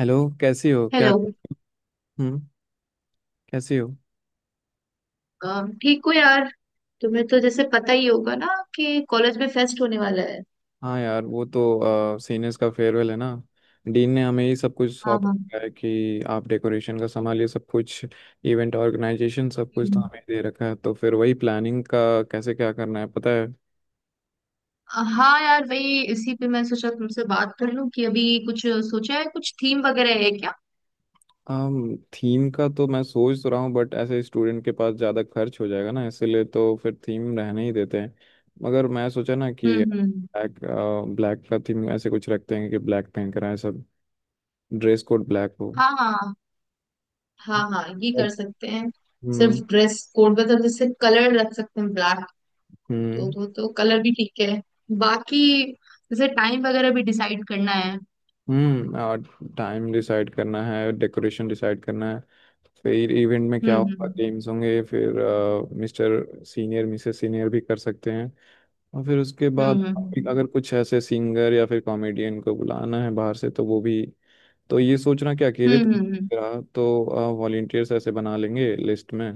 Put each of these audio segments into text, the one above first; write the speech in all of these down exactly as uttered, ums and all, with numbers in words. Hello. कैसी हो क्या? हेलो। हम्म। कैसी हो? अम, ठीक हो यार। तुम्हें तो जैसे पता ही होगा ना कि कॉलेज में फेस्ट होने वाला है। हाँ यार, वो तो सीनियर्स का फेयरवेल है ना। डीन ने हमें ये सब कुछ हाँ सौंप हाँ। रखा है कि आप डेकोरेशन का संभालिए सब कुछ। इवेंट ऑर्गेनाइजेशन सब कुछ तो हम्म। हमें दे रखा है, तो फिर वही प्लानिंग का कैसे क्या करना है पता है? अ, हाँ यार, वही इसी पे मैं सोचा तुमसे बात कर लूं कि अभी कुछ सोचा है, कुछ थीम वगैरह है क्या? um, थीम का तो मैं सोच तो रहा हूँ बट ऐसे स्टूडेंट के पास ज़्यादा खर्च हो जाएगा ना, इसलिए तो फिर थीम रहने ही देते हैं। मगर मैं सोचा ना कि हम्म हम्म। ब्लैक ब्लैक का थीम ऐसे कुछ रखते हैं कि ब्लैक पहन कर आए सब। ड्रेस कोड ब्लैक हो। हाँ हाँ, हाँ हाँ ये कर और। सकते हैं। सिर्फ हम्म। ड्रेस कोड, मतलब जैसे कलर रख सकते हैं ब्लैक। हम्म। तो वो तो कलर भी ठीक है। बाकी जैसे टाइम वगैरह भी डिसाइड करना है। हम्म और टाइम डिसाइड करना है, डेकोरेशन डिसाइड करना है। फिर इवेंट में क्या होगा, हम्म गेम्स होंगे। फिर मिस्टर सीनियर मिसेस सीनियर भी कर सकते हैं। और फिर उसके बाद हम्म हम्म अगर कुछ ऐसे सिंगर या फिर कॉमेडियन को बुलाना है बाहर से, तो वो भी। तो ये सोचना कि अकेले हम्म तो हम्म हम्म रहा तो वॉलेंटियर्स ऐसे बना लेंगे लिस्ट में।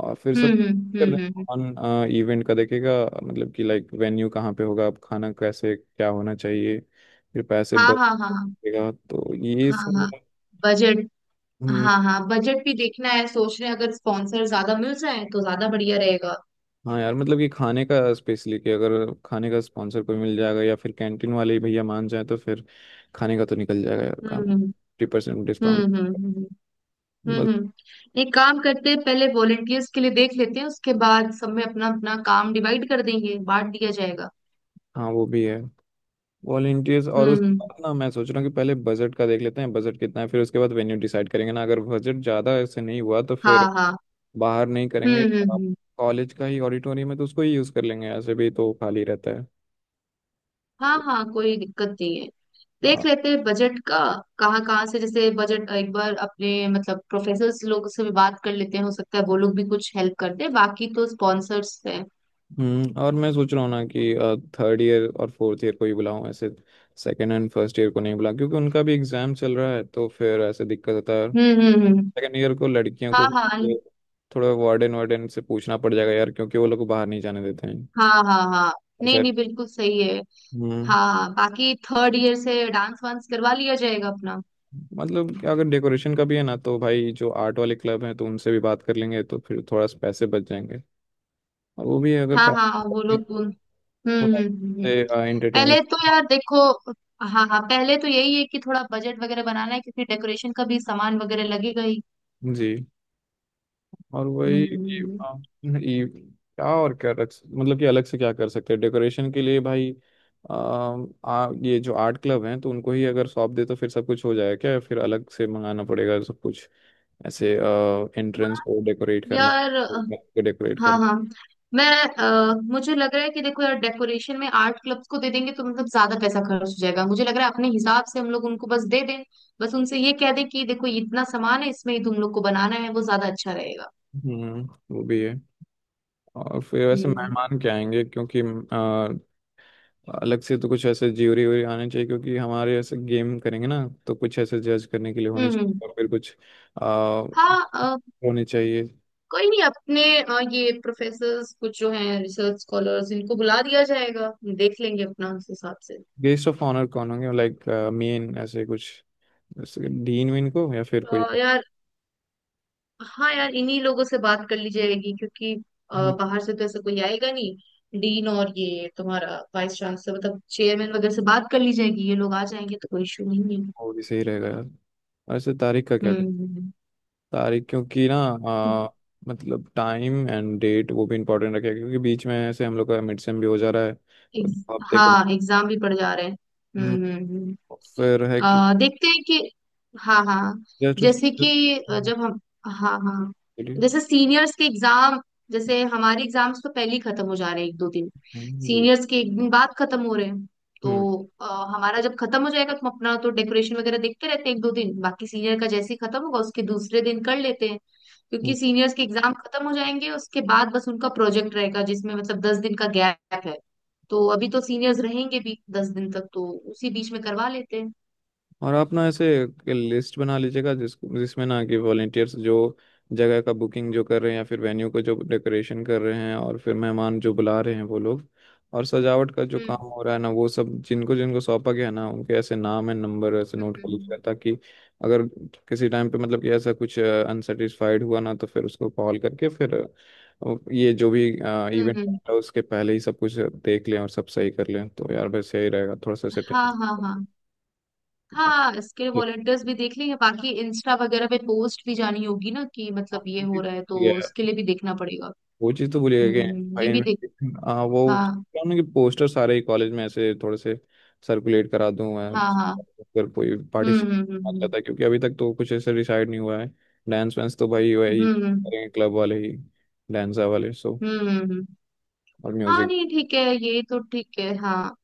और फिर हम्म सब हम्म हम्म हम्म कर हम्म, हम्म, देंगे। हम्म, हम्म, कौन इवेंट का देखेगा, मतलब कि लाइक वेन्यू कहाँ पे होगा, अब खाना कैसे क्या होना चाहिए, फिर पैसे हाँ हाँ हाँ हाँ। बचेगा तो ये हाँ सब। हाँ। बजट। हम्म। हाँ हाँ, बजट भी देखना है, सोच रहे हैं अगर स्पॉन्सर ज्यादा मिल जाए तो ज्यादा बढ़िया रहेगा। हाँ यार, मतलब कि खाने का स्पेशली, कि अगर खाने का स्पॉन्सर कोई मिल जाएगा या फिर कैंटीन वाले ही भैया मान जाए तो फिर खाने का तो निकल जाएगा यार काम। हम्म पचास परसेंट हम्म डिस्काउंट। हम्म हम्म हम्म बस। हम्म, हम्म। एक काम करते हैं, पहले वॉलेंटियर्स के लिए देख लेते हैं, उसके बाद सब में अपना अपना काम डिवाइड कर देंगे, बांट दिया जाएगा। हाँ वो भी है। वॉलेंटियर्स हम्म और उस हम्म, ना, मैं सोच रहा हूँ कि पहले बजट का देख लेते हैं, बजट कितना है, फिर उसके बाद वेन्यू डिसाइड करेंगे ना। अगर बजट ज़्यादा ऐसे नहीं हुआ तो हाँ फिर हाँ, बाहर नहीं हम्म करेंगे। हम्म हम्म। कॉलेज का ही ऑडिटोरियम है तो उसको ही यूज़ कर लेंगे, ऐसे भी तो खाली रहता है। हाँ हाँ, कोई दिक्कत नहीं है। देख आ, लेते हैं बजट का। कहाँ कहाँ से जैसे बजट, एक बार अपने मतलब प्रोफेसर्स लोग से भी बात कर लेते हैं, हो सकता है वो लोग भी कुछ हेल्प करते हैं, बाकी तो स्पॉन्सर्स हैं। हम्म। और मैं सोच रहा हूँ ना कि थर्ड ईयर और फोर्थ ईयर को ही बुलाऊं ऐसे। सेकेंड एंड फर्स्ट ईयर को नहीं बुला, क्योंकि उनका भी एग्जाम चल रहा है, तो फिर ऐसे दिक्कत होता है। हम्म हम्म हम्म, सेकेंड ईयर को, लड़कियों को हाँ हाँ भी हाँ थोड़ा वार्डन वार्डन से पूछना पड़ जाएगा यार, क्योंकि वो लोग को बाहर नहीं जाने देते हैं। हाँ, हाँ हाँ। और नहीं सर। नहीं, बिल्कुल सही है। हम्म हाँ, बाकी थर्ड ईयर से डांस वांस करवा लिया जाएगा अपना। मतलब कि अगर डेकोरेशन का भी है ना, तो भाई जो आर्ट वाले क्लब हैं तो उनसे भी बात कर लेंगे तो फिर थोड़ा सा पैसे बच जाएंगे। और वो भी अगर हाँ हाँ, वो पैसे लोग उन- हम्म हम्म हम्म हम्म। थोड़ा पहले एंटरटेनमेंट। तो यार देखो, हाँ हाँ, पहले तो यही है कि थोड़ा बजट वगैरह बनाना है क्योंकि डेकोरेशन का भी सामान वगैरह लगेगा ही। जी। और हम्म वही कि हम्म, आ, ये क्या और क्या रख, मतलब कि अलग से क्या कर सकते हैं डेकोरेशन के लिए भाई। आ, आ, ये जो आर्ट क्लब हैं तो उनको ही अगर सौंप दे तो फिर सब कुछ हो जाएगा क्या, या फिर अलग से मंगाना पड़ेगा सब कुछ ऐसे। एंट्रेंस को डेकोरेट हम्म। करना यार डेकोरेट हाँ कर। हाँ मैं, अ, मुझे लग रहा है कि देखो यार, डेकोरेशन में आर्ट क्लब्स को दे देंगे तो मतलब ज्यादा पैसा खर्च हो जाएगा, मुझे लग रहा है अपने हिसाब से हम लोग उनको बस दे दें। बस उनसे ये कह दें कि देखो ये इतना सामान है, इसमें ही तुम लोग को बनाना है, वो ज्यादा अच्छा रहेगा। हम्म, वो भी है। और फिर वैसे हम्म मेहमान क्या आएंगे? क्योंकि आ, अलग से तो कुछ ऐसे ज्यूरी व्यूरी आने चाहिए, क्योंकि हमारे ऐसे गेम करेंगे ना, तो कुछ ऐसे जज करने के लिए होने हम्म हम्म। चाहिए। और फिर कुछ आ, हाँ अ, होने चाहिए। कोई नहीं, अपने अ, ये प्रोफेसर्स कुछ जो हैं, रिसर्च स्कॉलर्स, इनको बुला दिया जाएगा। देख लेंगे अपना उस हिसाब से। गेस्ट ऑफ ऑनर कौन होंगे, लाइक मेन ऐसे कुछ, जैसे डीन वीन को या फिर कोई अ, और। यार हाँ यार, इन्हीं लोगों से बात कर ली जाएगी क्योंकि अ, हम्म, बाहर से तो ऐसा कोई आएगा नहीं। डीन और ये तुम्हारा वाइस चांसलर, मतलब चेयरमैन वगैरह से बात कर ली जाएगी, ये लोग आ जाएंगे तो कोई इशू नहीं है। वो भी सही रहेगा यार। वैसे तारीख का क्या हम्म करें? हम्म, तारीख, क्योंकि ना हम्म। आ, मतलब टाइम एंड डेट वो भी इम्पोर्टेंट रखेगा, क्योंकि बीच में ऐसे हम लोग का मिड सेम भी हो जा रहा है तो एग्ज- हफ्ते हाँ एग्जाम भी पड़ जा रहे हैं। हम्म हम्म हम्म। के। फिर है कि अ, देखते हैं कि, हाँ हाँ, जस्ट जैसे उसको। कि अ, हम्म। जब हम, हाँ हाँ, जैसे सीनियर्स के एग्जाम, जैसे हमारे एग्जाम्स तो पहले ही खत्म हो जा रहे हैं एक दो दिन। हम्म। सीनियर्स के एक दिन बाद खत्म हो रहे हैं, तो अ, हमारा जब खत्म हो जाएगा तो हम अपना तो डेकोरेशन वगैरह देखते रहते हैं एक दो दिन, बाकी सीनियर का जैसे ही खत्म होगा उसके दूसरे दिन कर लेते हैं हम्म। क्योंकि सीनियर्स के एग्जाम खत्म हो जाएंगे उसके बाद बस उनका प्रोजेक्ट रहेगा, जिसमें मतलब दस दिन का गैप है, तो अभी तो सीनियर्स रहेंगे भी दस दिन तक, तो उसी बीच में करवा लेते हैं। और आप ना ऐसे लिस्ट बना लीजिएगा, जिस जिसमें ना कि वॉलेंटियर्स जो जगह का बुकिंग जो कर रहे हैं या फिर वेन्यू को जो डेकोरेशन कर रहे हैं और फिर मेहमान जो बुला रहे हैं वो लोग, और सजावट का जो हम्म काम हो रहा है ना, वो सब जिनको जिनको सौंपा गया ना, उनके ऐसे नाम है, नंबर ऐसे नोट कर लीजिएगा, हम्म ताकि अगर किसी टाइम पे मतलब कि ऐसा कुछ अनसेटिस्फाइड हुआ ना तो फिर उसको कॉल करके फिर अ, ये जो भी हम्म, इवेंट हम्म, है उसके पहले ही सब कुछ देख लें और सब सही कर लें तो यार बस यही रहेगा थोड़ा सा हाँ हाँ हाँ ऐसे। हाँ। इसके वॉलंटियर्स भी देख लेंगे, बाकी इंस्टा वगैरह पे पोस्ट भी जानी होगी ना कि हाँ, मतलब ये वो हो चीज़ रहा है, तो ये है। उसके लिए भी देखना पड़ेगा। वो चीज़ तो हम्म भूलिएगा कि हम्म, भाई ये भी देख, इनविटेशन, हाँ वो हाँ क्या ना, कि पोस्टर सारे ही कॉलेज में ऐसे थोड़े से सर्कुलेट करा दूं मैं, हाँ हाँ, अगर कोई हम्म हम्म पार्टिसिपेट हम्म करता है, क्योंकि अभी तक तो कुछ ऐसे डिसाइड नहीं हुआ है। डांस वांस तो भाई वही हम्म हम्म करेंगे, क्लब वाले ही, डांसर वाले, सो। हम्म, हम्म, हम्म। और हाँ म्यूजिक नहीं ठीक है, ये तो ठीक है, हाँ।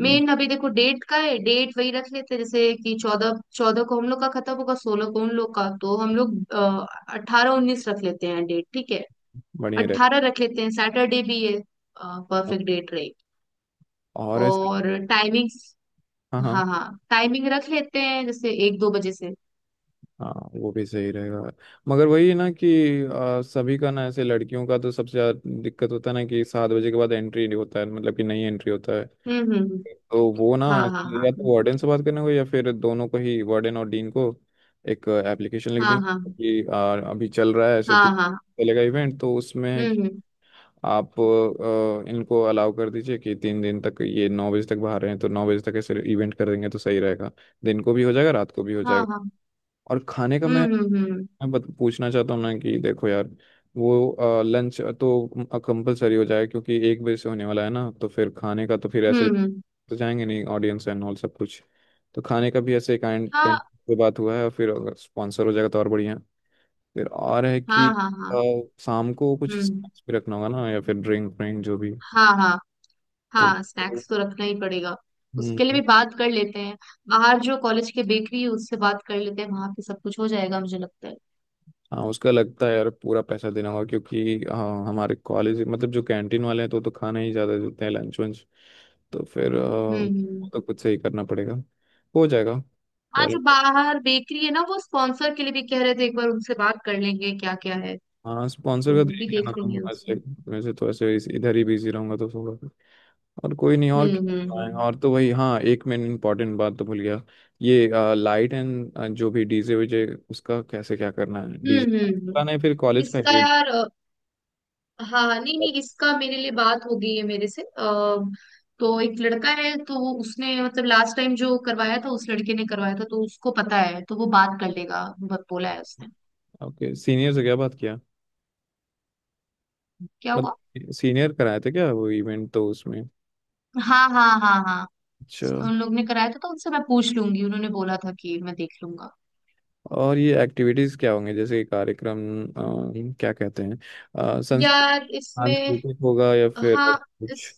मेन अभी देखो डेट का है, डेट वही रख लेते हैं जैसे कि चौदह चौदह को हम लोग का खत्म होगा, सोलह को उन लोग का, तो हम लोग अठारह उन्नीस रख लेते हैं डेट, ठीक है? बढ़िया रहे। अट्ठारह रख लेते हैं, सैटरडे भी ये, परफेक्ट डेट रही। और ऐसे। और टाइमिंग, हाँ हाँ हाँ हाँ, टाइमिंग रख लेते हैं जैसे एक दो बजे से। हाँ, वो भी सही रहेगा। मगर वही है ना कि आ, सभी का ना ऐसे, लड़कियों का तो सबसे ज्यादा दिक्कत होता है ना कि सात बजे के बाद एंट्री नहीं होता है, मतलब कि नहीं एंट्री होता है। हम्म हम्म हम्म, तो वो ना हाँ हाँ ऐसे हाँ या तो वार्डन से बात करने को या फिर दोनों को ही वार्डन और डीन को एक एप्लीकेशन लिख देंगे हाँ कि आ, अभी चल रहा है ऐसे हाँ तीन हाँ हाँ, चलेगा इवेंट, तो उसमें है हम्म कि हम्म। आप आ, इनको अलाउ कर दीजिए कि तीन दिन तक ये नौ बजे तक बाहर हैं, तो नौ बजे तक ऐसे इवेंट कर देंगे तो सही रहेगा। दिन को भी हो जाएगा, रात को भी हो हाँ जाएगा। हाँ। और खाने का मैं हम्म हम्म हम्म मैं बत- पूछना चाहता हूँ ना कि देखो यार वो लंच तो कंपलसरी हो जाए, क्योंकि एक बजे से होने वाला है ना, तो फिर खाने का तो फिर हम्म ऐसे हम्म, तो जाएंगे नहीं ऑडियंस एंड ऑल सब कुछ। तो खाने का भी ऐसे कैंट कैंट हाँ पे बात हुआ है, और फिर अगर स्पॉन्सर हो जाएगा तो और बढ़िया। फिर और है हाँ कि हाँ हाँ। अ, शाम को कुछ हम्म। स्नैक्स भी रखना होगा ना, या फिर ड्रिंक व्रिंक जो भी। हाँ हाँ, तो हाँ स्नैक्स तो रखना ही पड़ेगा, उसके लिए भी हम्म। बात कर लेते हैं। बाहर जो कॉलेज के बेकरी है उससे बात कर लेते हैं, वहां पे सब कुछ हो जाएगा मुझे लगता है। हाँ उसका लगता है यार पूरा पैसा देना होगा, क्योंकि हाँ हमारे कॉलेज, मतलब जो कैंटीन वाले हैं तो तो खाना ही ज़्यादा देते हैं लंच वंच, तो फिर अ, हम्म वो हम्म। तो खुद से ही करना पड़ेगा। हो जाएगा। हाँ जो कॉलेज। बाहर बेकरी है ना, वो स्पॉन्सर के लिए भी कह रहे थे, एक बार उनसे बात कर लेंगे क्या क्या है। हाँ स्पॉन्सर तो का वो देख भी लेना देख तुम लेंगे उनसे। वैसे। वैसे तो ऐसे इस- इधर ही बिजी रहूंगा तो थोड़ा। और कोई नहीं, और हम्म क्या हम्म करवाएं? हम्म और तो वही। हाँ, एक मैंने इम्पोर्टेंट बात तो भूल गया। ये लाइट एंड जो भी डीजे वीजे, उसका कैसे क्या करना है, हम्म डीजे हम्म, हम्म। हम्म। कराना है फिर कॉलेज का। इसका यार अ, हाँ हाँ, नहीं नहीं, इसका मेरे लिए बात हो गई है, मेरे से आ, तो एक लड़का है, तो वो उसने मतलब लास्ट टाइम जो करवाया था उस लड़के ने करवाया था, तो उसको पता है, तो वो बात कर लेगा, ब- बोला है उसने। ओके, सीनियर से क्या बात किया, क्या हुआ? मतलब सीनियर कराए थे क्या वो इवेंट तो उसमें? हाँ हाँ हाँ अच्छा। हाँ, उन लोग ने कराया था तो उनसे मैं पूछ लूंगी, उन्होंने बोला था कि मैं देख लूंगा। और ये एक्टिविटीज क्या होंगे, जैसे कि कार्यक्रम अ, क्या कहते हैं, अ, संस्कृ- यार इसमें, सांस्कृतिक होगा या फिर हाँ इस, कुछ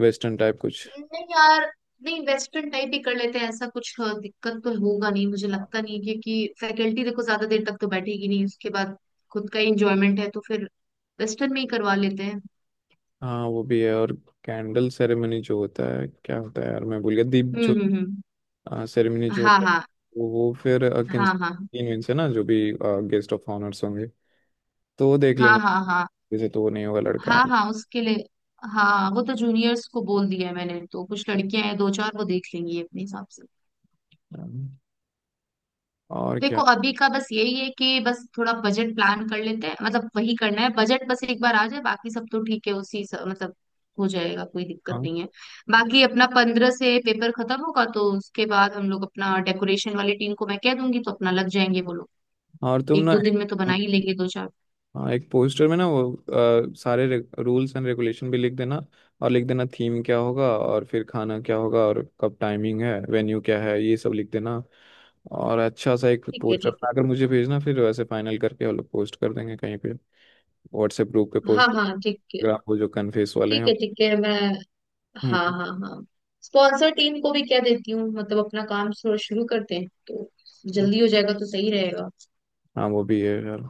वेस्टर्न टाइप कुछ। नहीं यार, नहीं वेस्टर्न टाइप ही कर लेते हैं, ऐसा कुछ अ, दिक्कत तो होगा नहीं, मुझे लगता नहीं है, क्योंकि फैकल्टी देखो ज्यादा देर तक तो बैठेगी नहीं, उसके बाद खुद का इंजॉयमेंट है तो फिर वेस्टर्न में ही करवा लेते हैं। हाँ वो भी है। और कैंडल सेरेमनी जो होता है, क्या होता है यार मैं भूल गया, दीप हम्म जो हम्म हम्म, सेरेमनी जो हाँ होता है, हाँ वो वो फिर अ, किन हाँ हाँ तीन दिन से ना जो भी गेस्ट ऑफ ऑनर्स होंगे, तो वो देख हाँ लेना। हाँ, हाँ जैसे तो वो नहीं होगा, लड़का हाँ हूँ। हाँ उसके लिए, हाँ वो तो जूनियर्स को बोल दिया है मैंने, तो कुछ लड़कियां हैं दो चार, वो देख लेंगी अपने हिसाब से। और क्या? देखो अभी का बस यही है कि बस थोड़ा बजट प्लान कर लेते हैं, मतलब वही करना है, बजट बस एक बार आ जाए बाकी सब तो ठीक है उसी स- मतलब हो जाएगा, कोई दिक्कत हाँ। नहीं है। बाकी अपना पंद्रह से पेपर खत्म होगा तो उसके बाद हम लोग अपना डेकोरेशन वाली टीम को मैं कह दूंगी, तो अपना लग जाएंगे वो लोग। और तुम एक ना, दो दिन में तो बना ही लेंगे दो चार। हाँ एक पोस्टर में ना वो अ, सारे रूल्स एंड रेगुलेशन भी लिख देना, और लिख देना थीम क्या होगा और फिर खाना क्या होगा और कब टाइमिंग है वेन्यू क्या है, ये सब लिख देना। और अच्छा सा एक ठीक है पोस्टर ठीक है। बनाकर मुझे भेजना, फिर वैसे फाइनल करके हम लोग पोस्ट कर देंगे कहीं पे। व्हाट्सएप ग्रुप पे हाँ पोस्ट, हाँ ठीक है इंस्टाग्राम, वो जो कन्फेस वाले ठीक हैं। है, ठीक है मैं, हाँ हम्म। हाँ हाँ। स्पॉन्सर टीम को भी क्या देती हूँ, मतलब अपना काम शुरू शुरू करते हैं तो हम्म। जल्दी हो जाएगा तो सही रहेगा। हाँ वो भी है यार।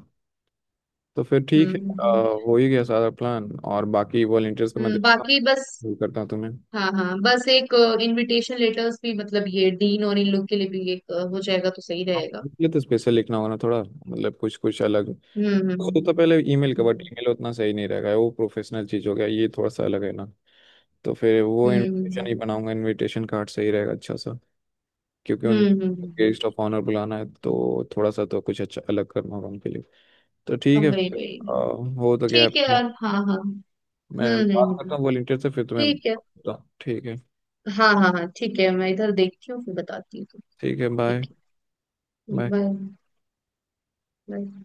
तो फिर ठीक है। हम्म अ, हम्म, हो ही गया सारा प्लान। और बाकी वॉलंटियर्स का मैं हम्म, देखता बाकी बस, हूँ, करता हूँ तुम्हें। हाँ हाँ, बस एक इनविटेशन लेटर्स भी मतलब ये डीन और इन लोग के लिए भी एक अ, हो जाएगा तो सही आप रहेगा। इसलिए तो स्पेशल लिखना होगा ना, थोड़ा मतलब कुछ कुछ अलग, हम्म वो तो तो पहले ईमेल का, बट हम्म ईमेल उतना सही नहीं रहेगा, वो प्रोफेशनल चीज हो गया, ये थोड़ा सा अलग है ना। तो फिर वो हम्म हम्म इनविटेशन हम्म ही बनाऊंगा, इनविटेशन कार्ड सही रहेगा अच्छा सा, क्योंकि उन हम्म हम्म हम्म, हम्म, हम्म, गेस्ट ऑफ ऑनर बुलाना है तो थोड़ा सा तो कुछ अच्छा अलग करना होगा उनके लिए। तो ठीक हम है वही फिर। आ, वही। हो तो गया। ठीक है यार, हाँ हाँ। मैं हम्म हम्म बात हम्म, करता हूँ वॉलंटियर से फिर तुम्हें ठीक है। बताता हूँ। ठीक है। हाँ हाँ हाँ ठीक है, मैं इधर देखती हूँ फिर बताती हूँ। ठीक है। बाय। ठीक है बाय। बाय। बाय।